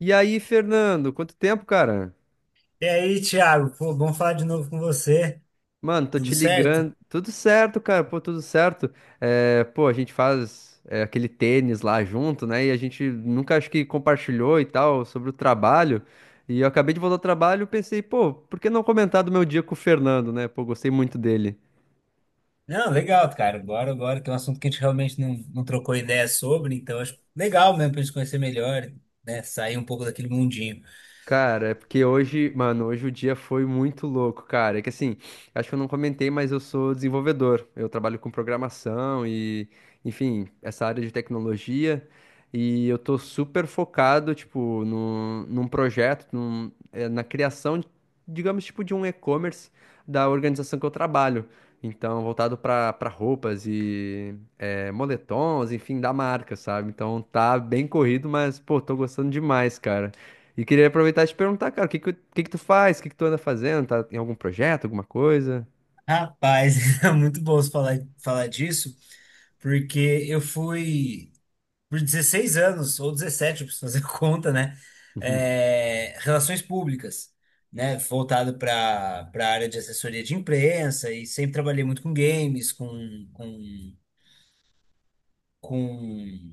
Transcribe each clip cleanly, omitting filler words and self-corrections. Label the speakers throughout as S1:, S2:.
S1: E aí, Fernando, quanto tempo, cara?
S2: E aí, Thiago, pô, bom falar de novo com você.
S1: Mano, tô
S2: Tudo
S1: te
S2: certo?
S1: ligando. Tudo certo, cara, pô, tudo certo. É, pô, a gente faz é, aquele tênis lá junto, né? E a gente nunca acho que compartilhou e tal sobre o trabalho. E eu acabei de voltar ao trabalho e pensei, pô, por que não comentar do meu dia com o Fernando, né? Pô, gostei muito dele.
S2: Não, legal, cara. Bora, bora, que é um assunto que a gente realmente não trocou ideia sobre, então acho legal mesmo pra gente conhecer melhor, né? Sair um pouco daquele mundinho.
S1: Cara, é porque hoje, mano, hoje o dia foi muito louco, cara. É que assim, acho que eu não comentei, mas eu sou desenvolvedor. Eu trabalho com programação e, enfim, essa área de tecnologia. E eu tô super focado, tipo, no num projeto, na criação, digamos, tipo, de um e-commerce da organização que eu trabalho. Então, voltado pra roupas e moletons, enfim, da marca, sabe? Então tá bem corrido, mas, pô, tô gostando demais, cara. E queria aproveitar e te perguntar, cara, o que que tu faz? O que que tu anda fazendo? Tá em algum projeto, alguma coisa?
S2: Rapaz, é muito bom você falar disso, porque eu fui por 16 anos, ou 17, eu preciso fazer conta, né? É, relações públicas. Né, voltado para a área de assessoria de imprensa e sempre trabalhei muito com games, com com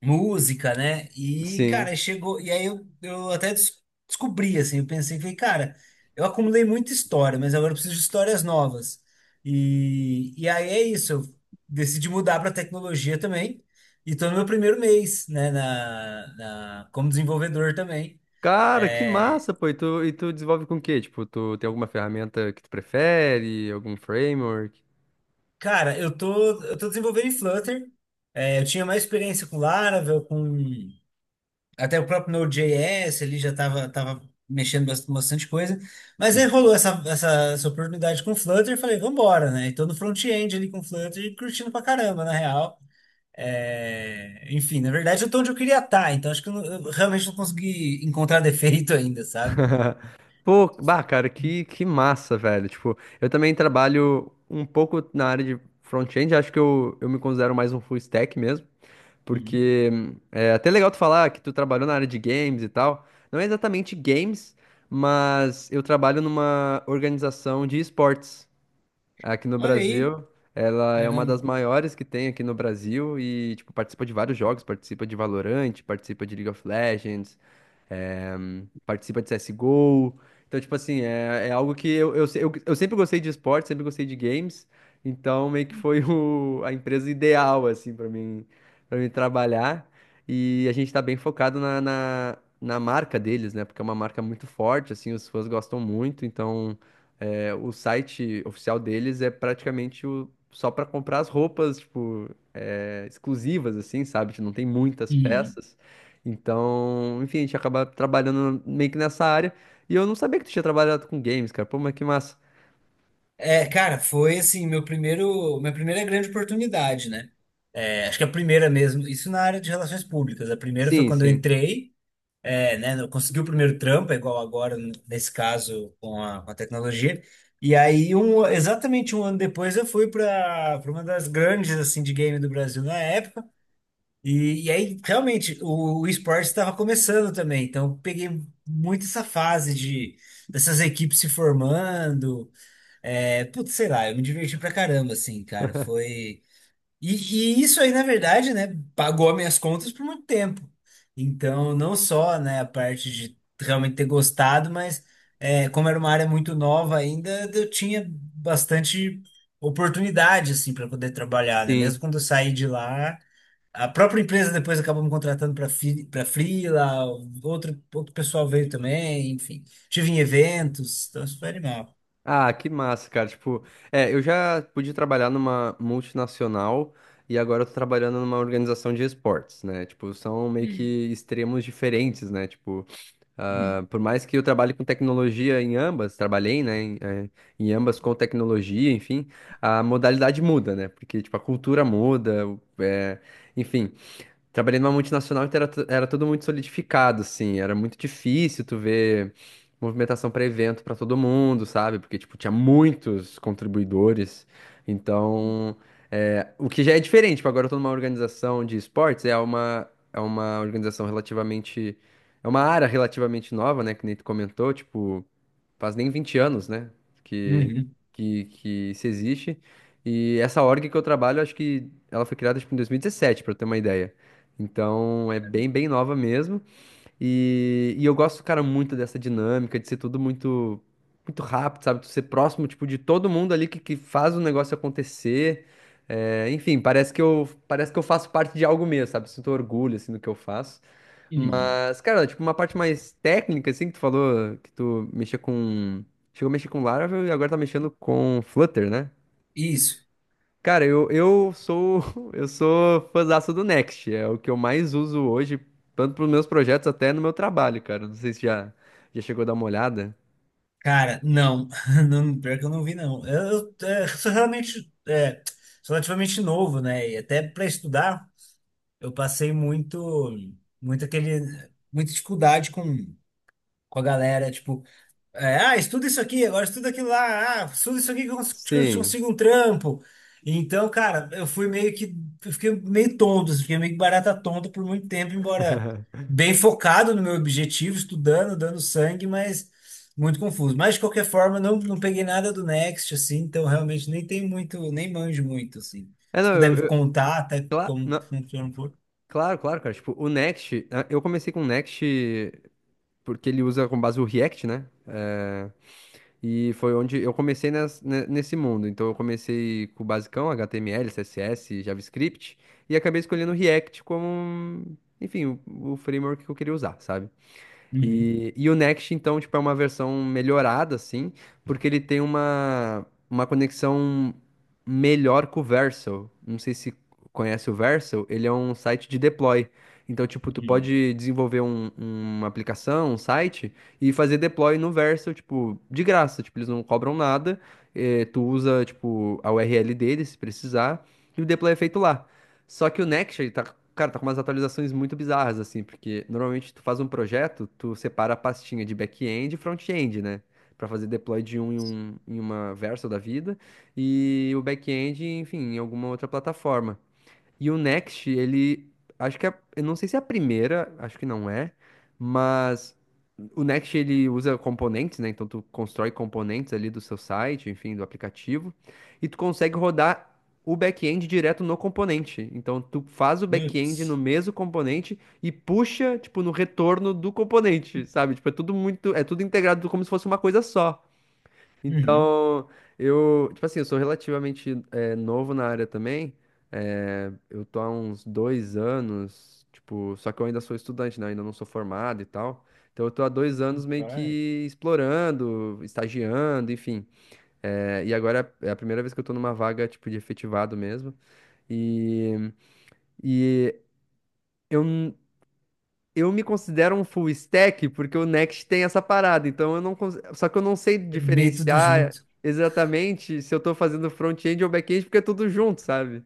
S2: música, né? E, cara,
S1: Sim.
S2: chegou. E aí eu até descobri, assim, eu pensei, falei, cara, eu acumulei muita história, mas agora eu preciso de histórias novas. E aí é isso, eu decidi mudar para tecnologia também. E tô no meu primeiro mês, né, como desenvolvedor também.
S1: Cara, que
S2: É,
S1: massa, pô. E tu desenvolve com o quê? Tipo, tu tem alguma ferramenta que tu prefere? Algum framework?
S2: cara, eu tô desenvolvendo em Flutter. É, eu tinha mais experiência com Laravel, com... Até o próprio Node.js ali já estava tava tava mexendo bastante coisa. Mas aí
S1: Uhum.
S2: rolou essa oportunidade com o Flutter e falei, vambora, né? E tô no front-end ali com o Flutter e curtindo pra caramba, na real. É, enfim, na verdade eu tô onde eu queria estar, então acho que eu realmente não consegui encontrar defeito ainda, sabe?
S1: Pô, bah, cara, que massa, velho. Tipo, eu também trabalho um pouco na área de front-end. Acho que eu me considero mais um full stack mesmo.
S2: Uhum.
S1: Porque é até é legal tu falar que tu trabalhou na área de games e tal. Não é exatamente games, mas eu trabalho numa organização de esportes aqui no
S2: Olha aí,
S1: Brasil. Ela é uma das
S2: caramba.
S1: maiores que tem aqui no Brasil e, tipo, participa de vários jogos, participa de Valorant, participa de League of Legends, é, participa de CSGO. Então, tipo assim, é algo que eu, se- eu sempre gostei de esporte, sempre gostei de games. Então, meio que foi a empresa ideal, assim, para mim trabalhar. E a gente tá bem focado na marca deles, né? Porque é uma marca muito forte, assim, os fãs gostam muito. Então, o site oficial deles é praticamente só para comprar as roupas, tipo, exclusivas, assim, sabe? Tipo, não tem muitas
S2: Uhum.
S1: peças. Então, enfim, a gente acaba trabalhando meio que nessa área. E eu não sabia que tu tinha trabalhado com games, cara. Pô, mas que massa.
S2: É, cara, foi assim, minha primeira grande oportunidade, né? É, acho que a primeira mesmo, isso na área de relações públicas. A primeira foi
S1: Sim,
S2: quando eu
S1: sim,
S2: entrei. É, né? Não conseguiu o primeiro trampo, é igual agora, nesse caso, com a tecnologia. E aí, um, exatamente um ano depois, eu fui para uma das grandes, assim, de game do Brasil na época. E aí, realmente, o esporte estava começando também. Então, eu peguei muito essa fase de dessas equipes se formando. É, putz, sei lá, eu me diverti pra caramba, assim, cara. Foi. E isso aí, na verdade, né, pagou minhas contas por muito tempo. Então, não só, né, a parte de realmente ter gostado, mas é, como era uma área muito nova ainda, eu tinha bastante oportunidade, assim, para poder trabalhar, né? Mesmo
S1: sim.
S2: quando eu saí de lá, a própria empresa depois acabou me contratando para freela, outro pessoal veio também, enfim. Tive em eventos, então isso foi animal.
S1: Ah, que massa, cara. Tipo, eu já pude trabalhar numa multinacional e agora eu tô trabalhando numa organização de esportes, né? Tipo, são meio que
S2: Uhum.
S1: extremos diferentes, né? Tipo, ah, por mais que eu trabalhe com tecnologia em ambas, trabalhei, né, em ambas com tecnologia, enfim, a modalidade muda, né? Porque, tipo, a cultura muda, enfim. Trabalhei numa multinacional que era tudo muito solidificado, assim. Era muito difícil tu ver movimentação para evento para todo mundo, sabe? Porque, tipo, tinha muitos contribuidores. Então, o que já é diferente. Tipo, agora eu tô numa organização de esportes, é uma organização relativamente... É uma área relativamente nova, né? Que nem tu comentou, tipo, faz nem 20 anos, né? Que,
S2: Uhum.
S1: que isso existe. E essa org que eu trabalho, acho que ela foi criada, tipo, em 2017, para ter uma ideia. Então é bem, bem nova mesmo. E eu gosto, cara, muito dessa dinâmica de ser tudo muito, muito rápido, sabe? Tu ser próximo, tipo, de todo mundo ali que faz o negócio acontecer. É, enfim, parece que eu faço parte de algo mesmo, sabe? Sinto orgulho, assim, do que eu faço.
S2: Uhum.
S1: Mas, cara, tipo, uma parte mais técnica, assim, que tu falou que tu mexia com... Chegou a mexer com Laravel e agora tá mexendo com Flutter, né?
S2: Isso.
S1: Cara, eu sou eu sou fãzaço do Next, é o que eu mais uso hoje, tanto para os meus projetos até no meu trabalho, cara. Não sei se já chegou a dar uma olhada.
S2: Cara, não. Não, pior que eu não vi, não. Sou realmente sou relativamente novo, né? E até para estudar, eu muito muita dificuldade com a galera. Tipo, é, ah, estuda isso aqui, agora estuda aquilo lá, ah, estuda isso aqui que eu que eu
S1: Sim.
S2: consigo um trampo. Então, cara, eu fiquei meio tonto, assim, fiquei meio que barata tonta por muito tempo, embora bem focado no meu objetivo, estudando, dando sangue, mas muito confuso. Mas, de qualquer forma, não, não peguei nada do Next, assim, então realmente nem tem muito, nem manjo muito, assim.
S1: É,
S2: Se
S1: não,
S2: puder me contar até como
S1: não,
S2: funciona um pouco.
S1: claro, claro, cara. Tipo, o Next, eu comecei com o Next porque ele usa com base o React, né? É, e foi onde eu comecei nesse mundo. Então eu comecei com o basicão, HTML, CSS, JavaScript, e acabei escolhendo o React como, enfim, o framework que eu queria usar, sabe?
S2: Uhum,
S1: E o Next, então, tipo, é uma versão melhorada, assim, porque ele tem uma conexão melhor com o Vercel. Não sei se conhece o Vercel, ele é um site de deploy. Então, tipo, tu
S2: uhum.
S1: pode desenvolver uma aplicação, um site, e fazer deploy no Vercel, tipo, de graça. Tipo, eles não cobram nada, tu usa, tipo, a URL deles, se precisar, e o deploy é feito lá. Só que o Next, ele tá, cara, tá com umas atualizações muito bizarras, assim, porque normalmente tu faz um projeto, tu separa a pastinha de back-end e front-end, né? Pra fazer deploy de um em uma Vercel da vida e o back-end, enfim, em alguma outra plataforma. E o Next, ele. Acho que é. Eu não sei se é a primeira, acho que não é. Mas o Next ele usa componentes, né? Então tu constrói componentes ali do seu site, enfim, do aplicativo. E tu consegue rodar o back-end direto no componente. Então tu faz o back-end no
S2: Putz.
S1: mesmo componente e puxa, tipo, no retorno do componente, sabe? Tipo, é tudo muito. É tudo integrado como se fosse uma coisa só.
S2: Uhum.
S1: Então, eu, tipo assim, eu sou relativamente novo na área também. É, eu tô há uns 2 anos, tipo, só que eu ainda sou estudante, né? Ainda não sou formado e tal. Então, eu tô há 2 anos meio
S2: Vai.
S1: que explorando, estagiando, enfim. É, e agora é a primeira vez que eu tô numa vaga, tipo, de efetivado mesmo. E, e eu, eu me considero um full stack porque o Next tem essa parada, então eu não cons- só que eu não sei
S2: Meio tudo
S1: diferenciar
S2: junto.
S1: exatamente se eu tô fazendo front-end ou back-end porque é tudo junto, sabe?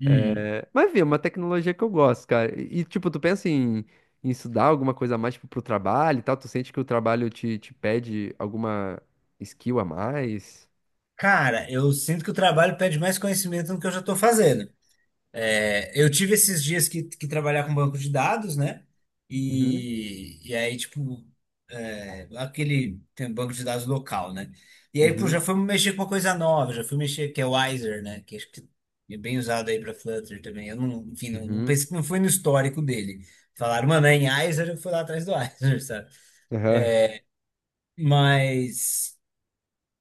S2: Uhum.
S1: Mas enfim, é uma tecnologia que eu gosto, cara. E, tipo, tu pensa em, estudar alguma coisa a mais tipo, pro trabalho e tal? Tu sente que o trabalho te pede alguma skill a mais?
S2: Cara, eu sinto que o trabalho pede mais conhecimento do que eu já estou fazendo. É, eu tive esses dias que trabalhar com banco de dados, né?
S1: Uhum,
S2: E aí, tipo, é, aquele tem um banco de dados local, né? E aí, pô, já
S1: uhum,
S2: fui mexer com uma coisa nova, já fui mexer, que é o Wiser, né? Que acho que é bem usado aí para Flutter também. Eu não, enfim, não
S1: uhum.
S2: pensei, não foi no histórico dele. Falaram, mano, é em Wiser, eu fui lá atrás do Wiser, sabe?
S1: Aham.
S2: Mas,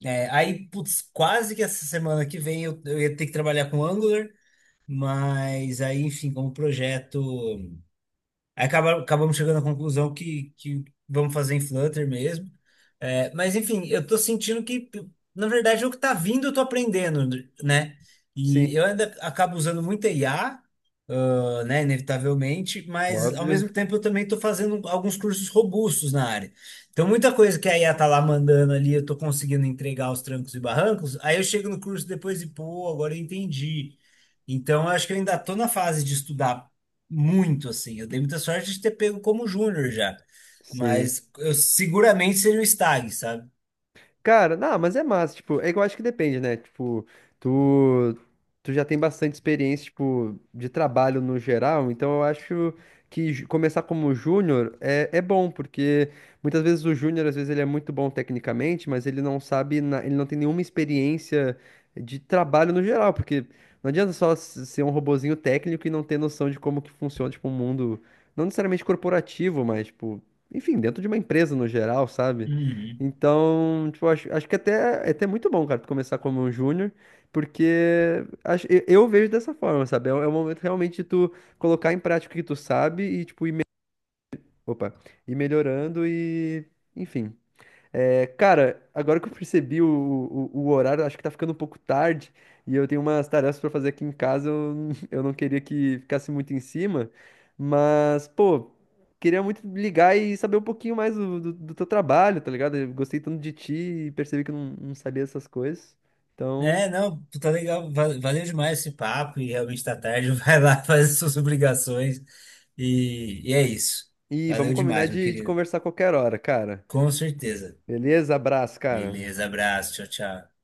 S2: é, aí, putz, quase que essa semana que vem eu ia ter que trabalhar com Angular. Mas aí, enfim, como projeto, aí acabamos chegando à conclusão que vamos fazer em Flutter mesmo. É, mas, enfim, eu tô sentindo que, na verdade, o que tá vindo eu tô aprendendo, né? E
S1: Sim,
S2: eu ainda acabo usando muito I a IA, né, inevitavelmente, mas ao
S1: óbvio.
S2: mesmo tempo eu também estou fazendo alguns cursos robustos na área. Então, muita coisa que a IA tá lá mandando ali, eu estou conseguindo entregar aos trancos e barrancos, aí eu chego no curso depois e, pô, agora eu entendi. Então, eu acho que eu ainda estou na fase de estudar muito, assim. Eu dei muita sorte de ter pego como júnior já,
S1: Sim.
S2: mas eu seguramente seria o estágio sabe?
S1: Cara, não, mas é massa, tipo, é que eu acho que depende, né? Tipo, tu, tu já tem bastante experiência, tipo, de trabalho no geral, então eu acho que começar como júnior é bom, porque muitas vezes o júnior, às vezes ele é muito bom tecnicamente, mas ele não sabe, ele não tem nenhuma experiência de trabalho no geral, porque não adianta só ser um robozinho técnico e não ter noção de como que funciona, tipo, um mundo, não necessariamente corporativo, mas, tipo, enfim, dentro de uma empresa no geral, sabe?
S2: Uhum.
S1: Então, tipo, é até muito bom, cara, tu começar como um júnior, porque eu vejo dessa forma, sabe? É, é o momento realmente de tu colocar em prática o que tu sabe e, tipo, opa, ir melhorando e, enfim. É, cara, agora que eu percebi o horário, acho que tá ficando um pouco tarde e eu tenho umas tarefas pra fazer aqui em casa. Eu não queria que ficasse muito em cima, mas, pô, queria muito ligar e saber um pouquinho mais do teu trabalho, tá ligado? Eu gostei tanto de ti e percebi que eu não sabia essas coisas. Então,
S2: É, não, tá legal. Valeu demais esse papo e realmente tá tarde. Vai lá fazer suas obrigações. E é isso.
S1: e
S2: Valeu
S1: vamos combinar
S2: demais, meu
S1: de
S2: querido.
S1: conversar a qualquer hora, cara.
S2: Com certeza.
S1: Beleza? Abraço, cara.
S2: Beleza, abraço. Tchau, tchau.